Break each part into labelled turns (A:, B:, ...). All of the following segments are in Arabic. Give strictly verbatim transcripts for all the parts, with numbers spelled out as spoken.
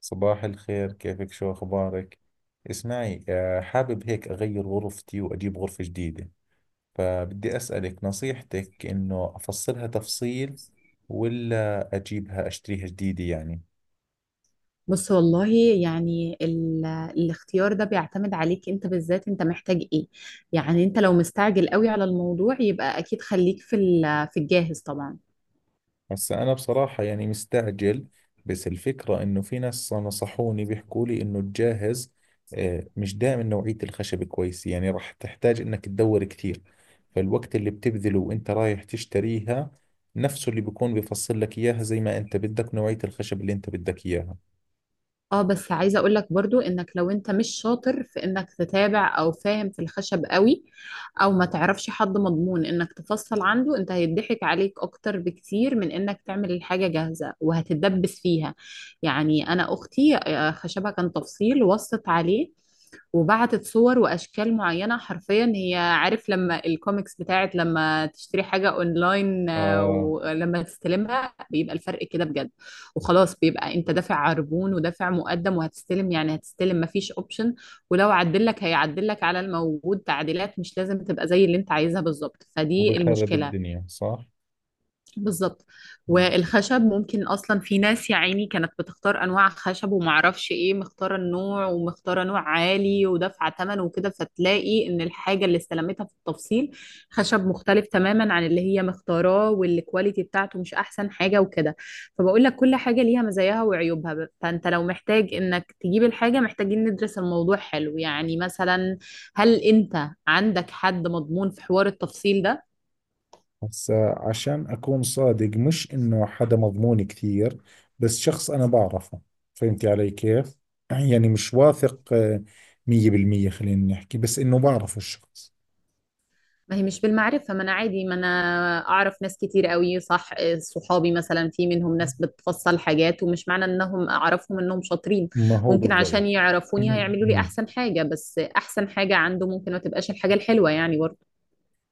A: صباح الخير، كيفك؟ شو أخبارك؟ اسمعي آه، حابب هيك أغير غرفتي وأجيب غرفة جديدة. فبدي أسألك نصيحتك، إنه أفصلها تفصيل ولا أجيبها أشتريها جديدة يعني.
B: بص والله، يعني ال... الاختيار ده بيعتمد عليك انت، بالذات انت محتاج ايه؟ يعني انت لو مستعجل قوي على الموضوع يبقى اكيد خليك في ال... في الجاهز طبعا.
A: بس أنا بصراحة يعني مستعجل. بس الفكرة إنه في ناس نصحوني، بيحكوا لي إنه الجاهز آه، مش دائما نوعية الخشب كويس، يعني راح تحتاج إنك تدور كثير. فالوقت اللي بتبذله وإنت رايح تشتريها نفسه اللي بيكون بيفصل لك إياها زي ما إنت بدك، نوعية الخشب اللي إنت بدك إياها.
B: اه، بس عايزه اقول لك برضو، انك لو انت مش شاطر في انك تتابع او فاهم في الخشب قوي، او ما تعرفش حد مضمون انك تفصل عنده، انت هيضحك عليك اكتر بكتير من انك تعمل الحاجه جاهزه وهتتدبس فيها. يعني انا اختي، آه، خشبها كان تفصيل، وصت عليه وبعتت صور واشكال معينه، حرفيا هي عارف لما الكوميكس بتاعت لما تشتري حاجه اونلاين، آه،
A: آه.
B: ولما تستلمها بيبقى الفرق كده بجد. وخلاص بيبقى انت دافع عربون ودافع مقدم وهتستلم، يعني هتستلم، مفيش اوبشن. ولو عدلك هيعدلك على الموجود، تعديلات مش لازم تبقى زي اللي انت عايزها بالظبط، فدي
A: وبخرب
B: المشكله.
A: الدنيا صح؟
B: بالظبط. والخشب ممكن اصلا، في ناس يا عيني كانت بتختار انواع خشب، ومعرفش ايه، مختاره النوع ومختاره نوع عالي ودافعه ثمن وكده، فتلاقي ان الحاجه اللي استلمتها في التفصيل خشب مختلف تماما عن اللي هي مختاراه، والكواليتي بتاعته مش احسن حاجه وكده. فبقول لك كل حاجه ليها مزاياها وعيوبها. ب- فانت لو محتاج انك تجيب الحاجه، محتاجين ندرس الموضوع حلو، يعني مثلا، هل انت عندك حد مضمون في حوار التفصيل ده؟
A: هسا عشان أكون صادق، مش إنه حدا مضمون كثير، بس شخص أنا بعرفه. فهمتي علي كيف؟ يعني مش واثق آه، مية بالمية، خلينا نحكي، بس إنه بعرفه الشخص.
B: ما هي مش بالمعرفة، ما أنا عادي، ما أنا أعرف ناس كتير قوي، صح. آه، صحابي مثلا، في منهم ناس بتفصل حاجات، ومش معنى إنهم أعرفهم إنهم شاطرين.
A: ما هو
B: ممكن
A: بالضبط.
B: عشان يعرفوني هيعملوا لي
A: مم.
B: أحسن حاجة، بس أحسن حاجة عنده ممكن ما تبقاش الحاجة الحلوة يعني برضه.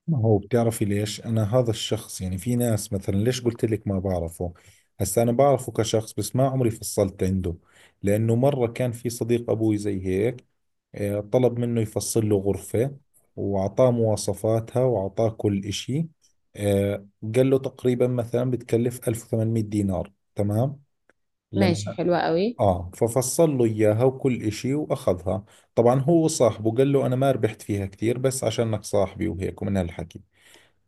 A: ما هو بتعرفي ليش أنا هذا الشخص؟ يعني في ناس مثلا، ليش قلت لك ما بعرفه. هسا أنا بعرفه كشخص، بس ما عمري فصلت عنده. لأنه مرة كان في صديق أبوي زي هيك، آه، طلب منه يفصل له غرفة، وأعطاه مواصفاتها وأعطاه كل إشي آه، قال له تقريبا مثلا بتكلف ألف وثمانمائة دينار تمام.
B: ماشي،
A: لما
B: حلوة قوي.
A: آه ففصل له إياها وكل إشي وأخذها. طبعا هو صاحبه قال له أنا ما ربحت فيها كثير، بس عشانك صاحبي وهيك ومن هالحكي.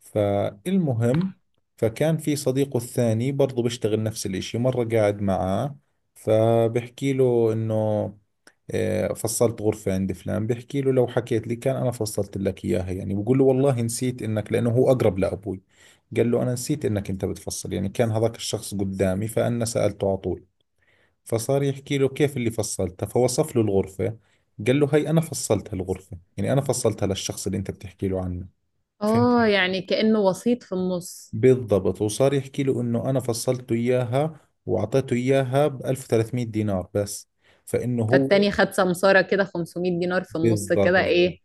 A: فالمهم، فكان في صديقه الثاني برضه بيشتغل نفس الإشي، مرة قاعد معاه فبحكي له إنه آه، فصلت غرفة عند فلان. بحكي له: لو حكيت لي كان أنا فصلت لك إياها. يعني بقول له والله نسيت إنك، لأنه هو أقرب لأبوي. قال له أنا نسيت إنك أنت بتفصل. يعني كان هذاك الشخص قدامي، فأنا سألته على طول. فصار يحكي له كيف اللي فصلتها، فوصف له الغرفة. قال له هي أنا فصلت هالغرفة، يعني أنا فصلتها للشخص اللي أنت بتحكي له عنه. فهمت.
B: آه، يعني كأنه وسيط في النص.
A: بالضبط. وصار يحكي له إنه أنا فصلته إياها وأعطيته إياها ب ألف وثلاثمائة دينار بس، فإنه هو
B: فالتاني خد سمسارة كده خمسمئة دينار في النص
A: بالضبط.
B: كده، إيه.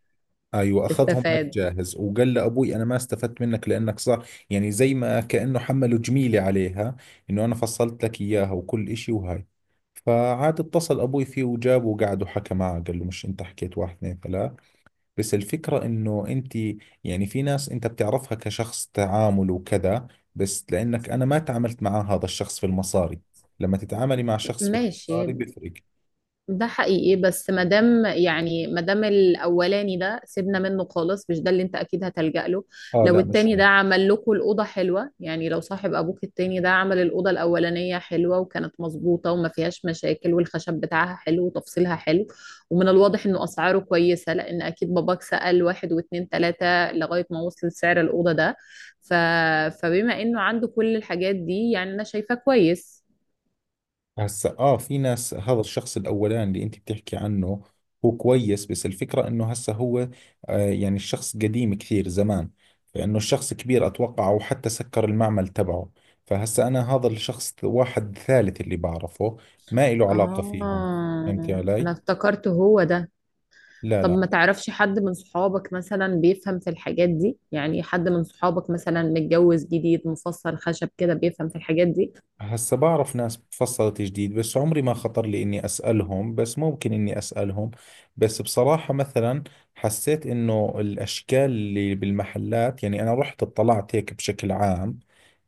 A: ايوه، اخذهم على
B: استفاد.
A: الجاهز، وقال لابوي انا ما استفدت منك، لانك صار يعني زي ما كانه حمله جميله عليها، انه انا فصلت لك اياها وكل اشي وهاي. فعاد اتصل ابوي فيه وجابه وقعد وحكى معه، قال له مش انت حكيت واحد اثنين ثلاث؟ بس الفكره انه انت، يعني في ناس انت بتعرفها كشخص تعامل وكذا، بس لانك انا ما تعاملت مع هذا الشخص في المصاري. لما تتعاملي مع شخص في
B: ماشي.
A: المصاري بيفرق.
B: ده حقيقي، بس مادام يعني مادام الاولاني ده سيبنا منه خالص، مش ده اللي انت اكيد هتلجأ له.
A: اه،
B: لو
A: لا مش
B: التاني
A: هو.
B: ده عمل لكم الاوضه حلوه، يعني لو صاحب ابوك التاني ده عمل الاوضه الاولانيه حلوه، وكانت مظبوطه وما فيهاش مشاكل، والخشب بتاعها حلو وتفصيلها حلو، ومن الواضح انه اسعاره كويسه، لان اكيد باباك سأل واحد واتنين تلاته لغايه ما وصل سعر الاوضه ده. ف... فبما انه عنده كل الحاجات دي، يعني انا شايفاه كويس.
A: هسا اه، في ناس، هذا الشخص الاولاني اللي انت بتحكي عنه هو كويس، بس الفكرة انه هسا هو آه، يعني الشخص قديم كثير زمان، فانه الشخص كبير اتوقع، او حتى سكر المعمل تبعه. فهسا انا هذا الشخص واحد ثالث اللي بعرفه، ما له علاقة فيهم.
B: اه،
A: فهمتي
B: انا
A: علي؟
B: افتكرت هو ده.
A: لا
B: طب
A: لا.
B: ما تعرفش حد من صحابك مثلا بيفهم في الحاجات دي؟ يعني حد من صحابك مثلا متجوز جديد، مفصل خشب كده، بيفهم في الحاجات دي.
A: هسا بعرف ناس تفصلت جديد، بس عمري ما خطر لي اني اسالهم، بس ممكن اني اسالهم. بس بصراحة مثلا حسيت انه الاشكال اللي بالمحلات، يعني انا رحت اطلعت هيك بشكل عام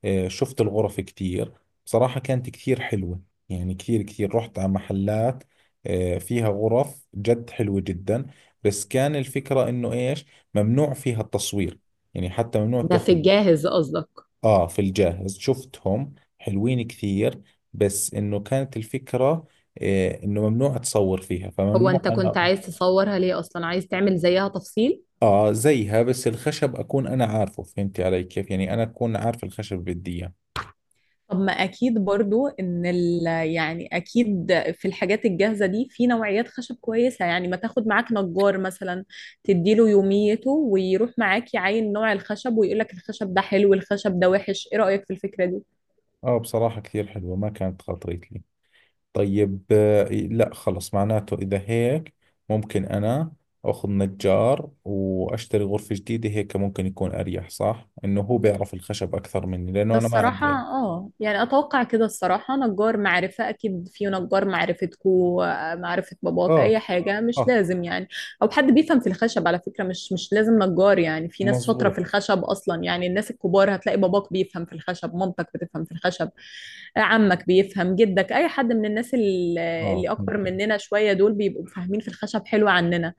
A: آه، شفت الغرف كثير. بصراحة كانت كثير حلوة. يعني كثير كثير، رحت على محلات آه، فيها غرف جد حلوة جدا. بس كان الفكرة انه ايش، ممنوع فيها التصوير. يعني حتى ممنوع
B: ده في
A: تاخذ.
B: الجاهز قصدك؟
A: آه، في الجاهز شفتهم حلوين كثير. بس إنه كانت الفكرة إيه، إنه ممنوع أتصور فيها،
B: هو
A: فممنوع
B: انت كنت
A: أنا.
B: عايز تصورها ليه اصلا؟ عايز تعمل زيها تفصيل؟
A: آه زيها، بس الخشب أكون أنا عارفه. فهمتي علي كيف؟ يعني أنا أكون عارف الخشب اللي بدي إياه.
B: طب ما اكيد برضو، ان ال يعني اكيد في الحاجات الجاهزه دي في نوعيات خشب كويسه، يعني ما تاخد معاك نجار مثلا، تديله يوميته ويروح معاك يعاين نوع الخشب، ويقول لك الخشب ده حلو الخشب ده وحش، ايه رايك في الفكره دي؟
A: آه بصراحة كثير حلوة، ما كانت خاطرت لي. طيب، آه لا، خلص معناته إذا هيك، ممكن أنا أخذ نجار وأشتري غرفة جديدة هيك، ممكن يكون أريح صح؟ إنه هو بيعرف الخشب أكثر مني، لأنه أنا ما
B: الصراحة
A: عندي علم.
B: اه، يعني اتوقع كده الصراحة، نجار معرفة اكيد، في نجار معرفتكو، معرفة باباك، اي
A: آه.
B: حاجة، مش
A: آه.
B: لازم يعني. او حد بيفهم في الخشب على فكرة، مش مش لازم نجار يعني، في ناس شاطرة
A: مظبوط.
B: في الخشب اصلا، يعني الناس الكبار، هتلاقي باباك بيفهم في الخشب، مامتك بتفهم في الخشب، عمك بيفهم، جدك، اي حد من الناس ال- اللي
A: اه
B: اكبر
A: ممكن.
B: مننا شوية، دول بيبقوا فاهمين في الخشب حلو عننا.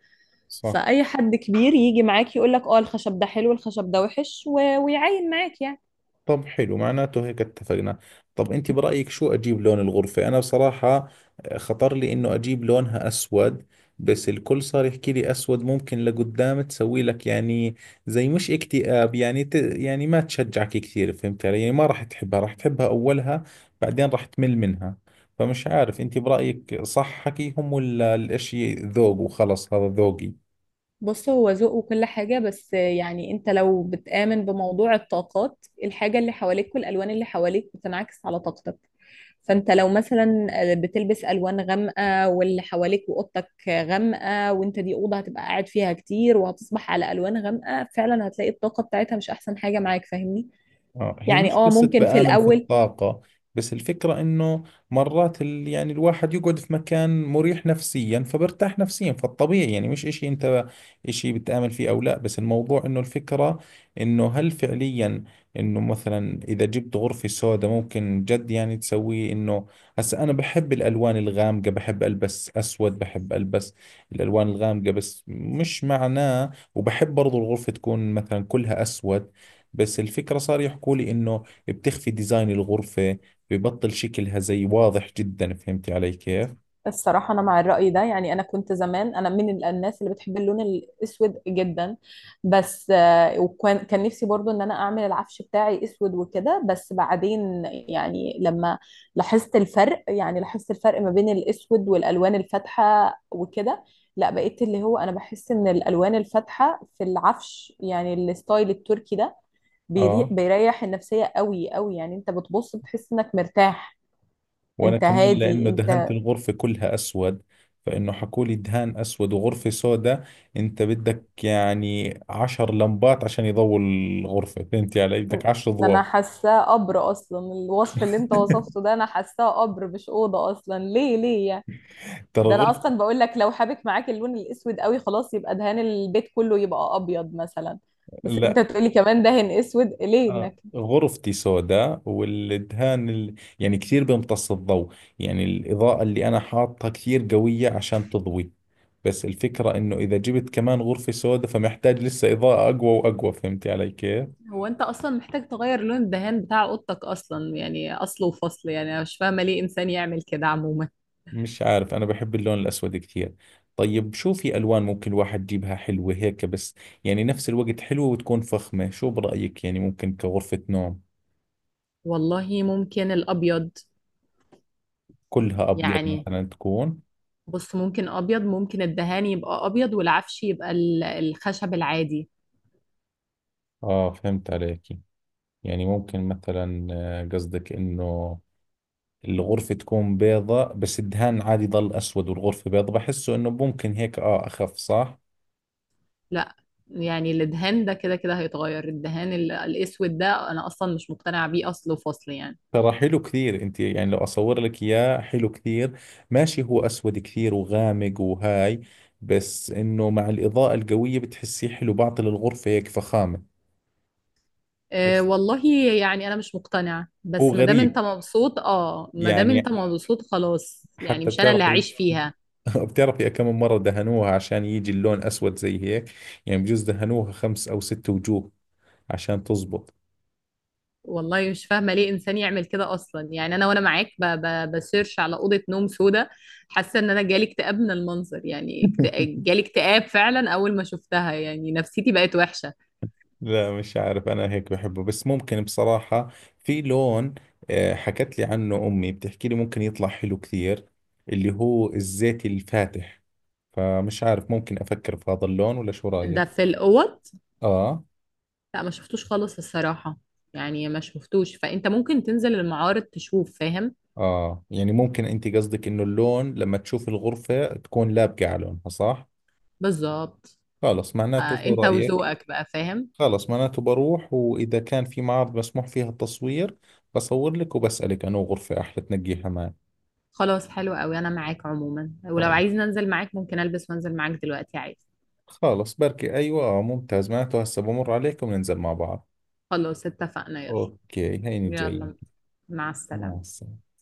A: صح.
B: فأي حد كبير يجي معاك يقولك اه الخشب ده حلو الخشب ده وحش، و... ويعاين معاك يعني.
A: طب حلو، معناته هيك اتفقنا. طب انت برأيك شو اجيب لون الغرفة؟ انا بصراحة آه، خطر لي انه اجيب لونها اسود. بس الكل صار يحكي لي اسود ممكن لقدام تسوي لك يعني، زي مش اكتئاب يعني، ت... يعني ما تشجعك كثير. فهمت علي؟ يعني ما راح تحبها، راح تحبها اولها بعدين راح تمل منها. فمش عارف، انت برأيك صح حكيهم ولا الاشي ذوق وخلص هذا ذوقي؟
B: بص، هو ذوق وكل حاجة، بس يعني انت لو بتآمن بموضوع الطاقات، الحاجة اللي حواليك والألوان اللي حواليك بتنعكس على طاقتك. فانت لو مثلا آه، بتلبس ألوان غامقة، واللي حواليك وأوضتك غامقة، وانت دي أوضة هتبقى قاعد فيها كتير وهتصبح على ألوان غامقة، فعلا هتلاقي الطاقة بتاعتها مش أحسن حاجة معاك، فاهمني.
A: آه، هي
B: يعني
A: مش
B: اه،
A: قصة
B: ممكن في
A: بآمن في
B: الأول.
A: الطاقة. بس الفكرة إنه مرات ال... يعني الواحد يقعد في مكان مريح نفسيا فبرتاح نفسيا، فالطبيعي يعني مش إشي أنت إشي بتآمن فيه أو لا. بس الموضوع إنه الفكرة إنه هل فعليا إنه مثلا إذا جبت غرفة سوداء ممكن جد يعني تسويه إنه. هسا أنا بحب الألوان الغامقة، بحب ألبس أسود، بحب ألبس الألوان الغامقة، بس مش معناه، وبحب برضو الغرفة تكون مثلا كلها أسود. بس الفكرة صار يحكوا لي إنه بتخفي ديزاين الغرفة، ببطل شكلها زي واضح جدا. فهمتي علي كيف؟
B: الصراحة أنا مع الرأي ده، يعني أنا كنت زمان، أنا من ال- الناس اللي بتحب اللون الأسود جدا، بس آه، وكان كان نفسي برضو إن أنا أعمل العفش بتاعي أسود وكده، بس بعدين يعني لما لاحظت الفرق، يعني لاحظت الفرق ما بين الأسود والألوان الفاتحة وكده، لا، بقيت اللي هو أنا بحس إن الألوان الفاتحة في العفش، يعني الستايل التركي ده بيري-
A: اه.
B: بيريح النفسية قوي قوي، يعني أنت بتبص بتحس إنك مرتاح.
A: وأنا
B: انت
A: كمان
B: هادي
A: لأنه دهنت
B: انت.
A: الغرفة كلها أسود، فإنه حكوا لي دهان أسود وغرفة سوداء، أنت بدك يعني عشر لمبات عشان يضوي الغرفة. فهمتي علي؟ بدك عشر
B: ده انا
A: أضواء
B: حاساه قبر اصلا، الوصف اللي انت وصفته ده انا حاساه قبر مش اوضه اصلا، ليه ليه يعني؟
A: ترى
B: ده انا
A: غرفة.
B: اصلا بقول لك، لو حابك معاك اللون الاسود قوي، خلاص يبقى دهان البيت كله يبقى ابيض مثلا، بس انت
A: لا.
B: تقولي كمان دهن اسود، ليه
A: آه،
B: انك؟
A: غرفتي سوداء، والدهان ال... يعني كثير بيمتص الضوء. يعني الإضاءة اللي أنا حاطها كثير قوية عشان تضوي، بس الفكرة إنه إذا جبت كمان غرفة سوداء فمحتاج لسه إضاءة أقوى وأقوى. فهمتي علي كيف؟
B: هو انت اصلا محتاج تغير لون الدهان بتاع اوضتك اصلا، يعني اصل وفصل، يعني انا مش فاهمه ليه انسان يعمل كده عموما.
A: مش عارف، أنا بحب اللون الأسود كثير. طيب شو في ألوان ممكن الواحد يجيبها حلوة هيك بس، يعني نفس الوقت حلوة وتكون فخمة؟ شو برأيك يعني؟ ممكن كغرفة نوم
B: والله ممكن الابيض.
A: كلها أبيض
B: يعني
A: مثلا تكون؟
B: بص، ممكن ابيض، ممكن الدهان يبقى ابيض والعفش يبقى ال- الخشب العادي.
A: آه فهمت عليك. يعني ممكن مثلا آه، قصدك انه الغرفة تكون بيضة، بس الدهان عادي ضل اسود والغرفة بيضة، بحسه انه ممكن هيك، اه اخف صح.
B: لا، يعني الدهان ده كده كده هيتغير، الدهان ال- الاسود ده انا اصلا مش مقتنعه بيه، اصل وفصل يعني.
A: ترى حلو كثير انت، يعني لو اصور لك اياه حلو كثير. ماشي هو اسود كثير وغامق وهاي، بس انه مع الاضاءة القوية بتحسيه حلو، بعطي للغرفة هيك فخامة.
B: أه
A: بس.
B: والله. يعني انا مش مقتنعه،
A: هو
B: بس ما دام
A: غريب،
B: انت مبسوط، اه ما دام
A: يعني
B: انت مبسوط خلاص، يعني
A: حتى
B: مش انا اللي
A: بتعرفي،
B: هعيش فيها.
A: بتعرفي كم مرة دهنوها عشان يجي اللون اسود زي هيك؟ يعني بجوز دهنوها خمس او ست وجوه عشان تزبط.
B: والله مش فاهمه ليه انسان يعمل كده اصلا، يعني انا وانا معاك ب- ب- بسيرش على اوضه نوم سودا، حاسه ان انا جالي اكتئاب من المنظر، يعني اكت- جالي اكتئاب فعلا اول ما شفتها، يعني نفسيتي بقت وحشه.
A: لا مش عارف، انا هيك بحبه. بس ممكن بصراحة في لون آه، حكت لي عنه امي، بتحكي لي ممكن يطلع حلو كثير، اللي هو الزيتي الفاتح. فمش عارف، ممكن افكر في هذا اللون ولا؟ شو رايك؟
B: ده في الاوض؟
A: اه.
B: لا، ما شفتوش خالص الصراحة، يعني ما شفتوش، فانت ممكن تنزل المعارض تشوف، فاهم.
A: اه، يعني ممكن انت قصدك انه اللون لما تشوف الغرفة تكون لابقة على لونها صح.
B: بالظبط.
A: خلص
B: آه،
A: معناته، شو
B: انت
A: رايك؟
B: وذوقك بقى، فاهم.
A: خلص معناته بروح، واذا كان في معارض مسموح فيها التصوير بصور لك وبسألك انه غرفة احلى تنقيها معي.
B: خلاص، حلو قوي، انا معاك عموما، ولو عايز ننزل معاك ممكن البس وانزل معاك دلوقتي عادي.
A: خالص، بركي. أيوة، آه، ممتاز. معناته هسه بمر عليكم ننزل مع بعض.
B: خلاص اتفقنا، يلا.
A: أوكي هيني جاي.
B: يلا، مع
A: مع
B: السلامة.
A: السلامة.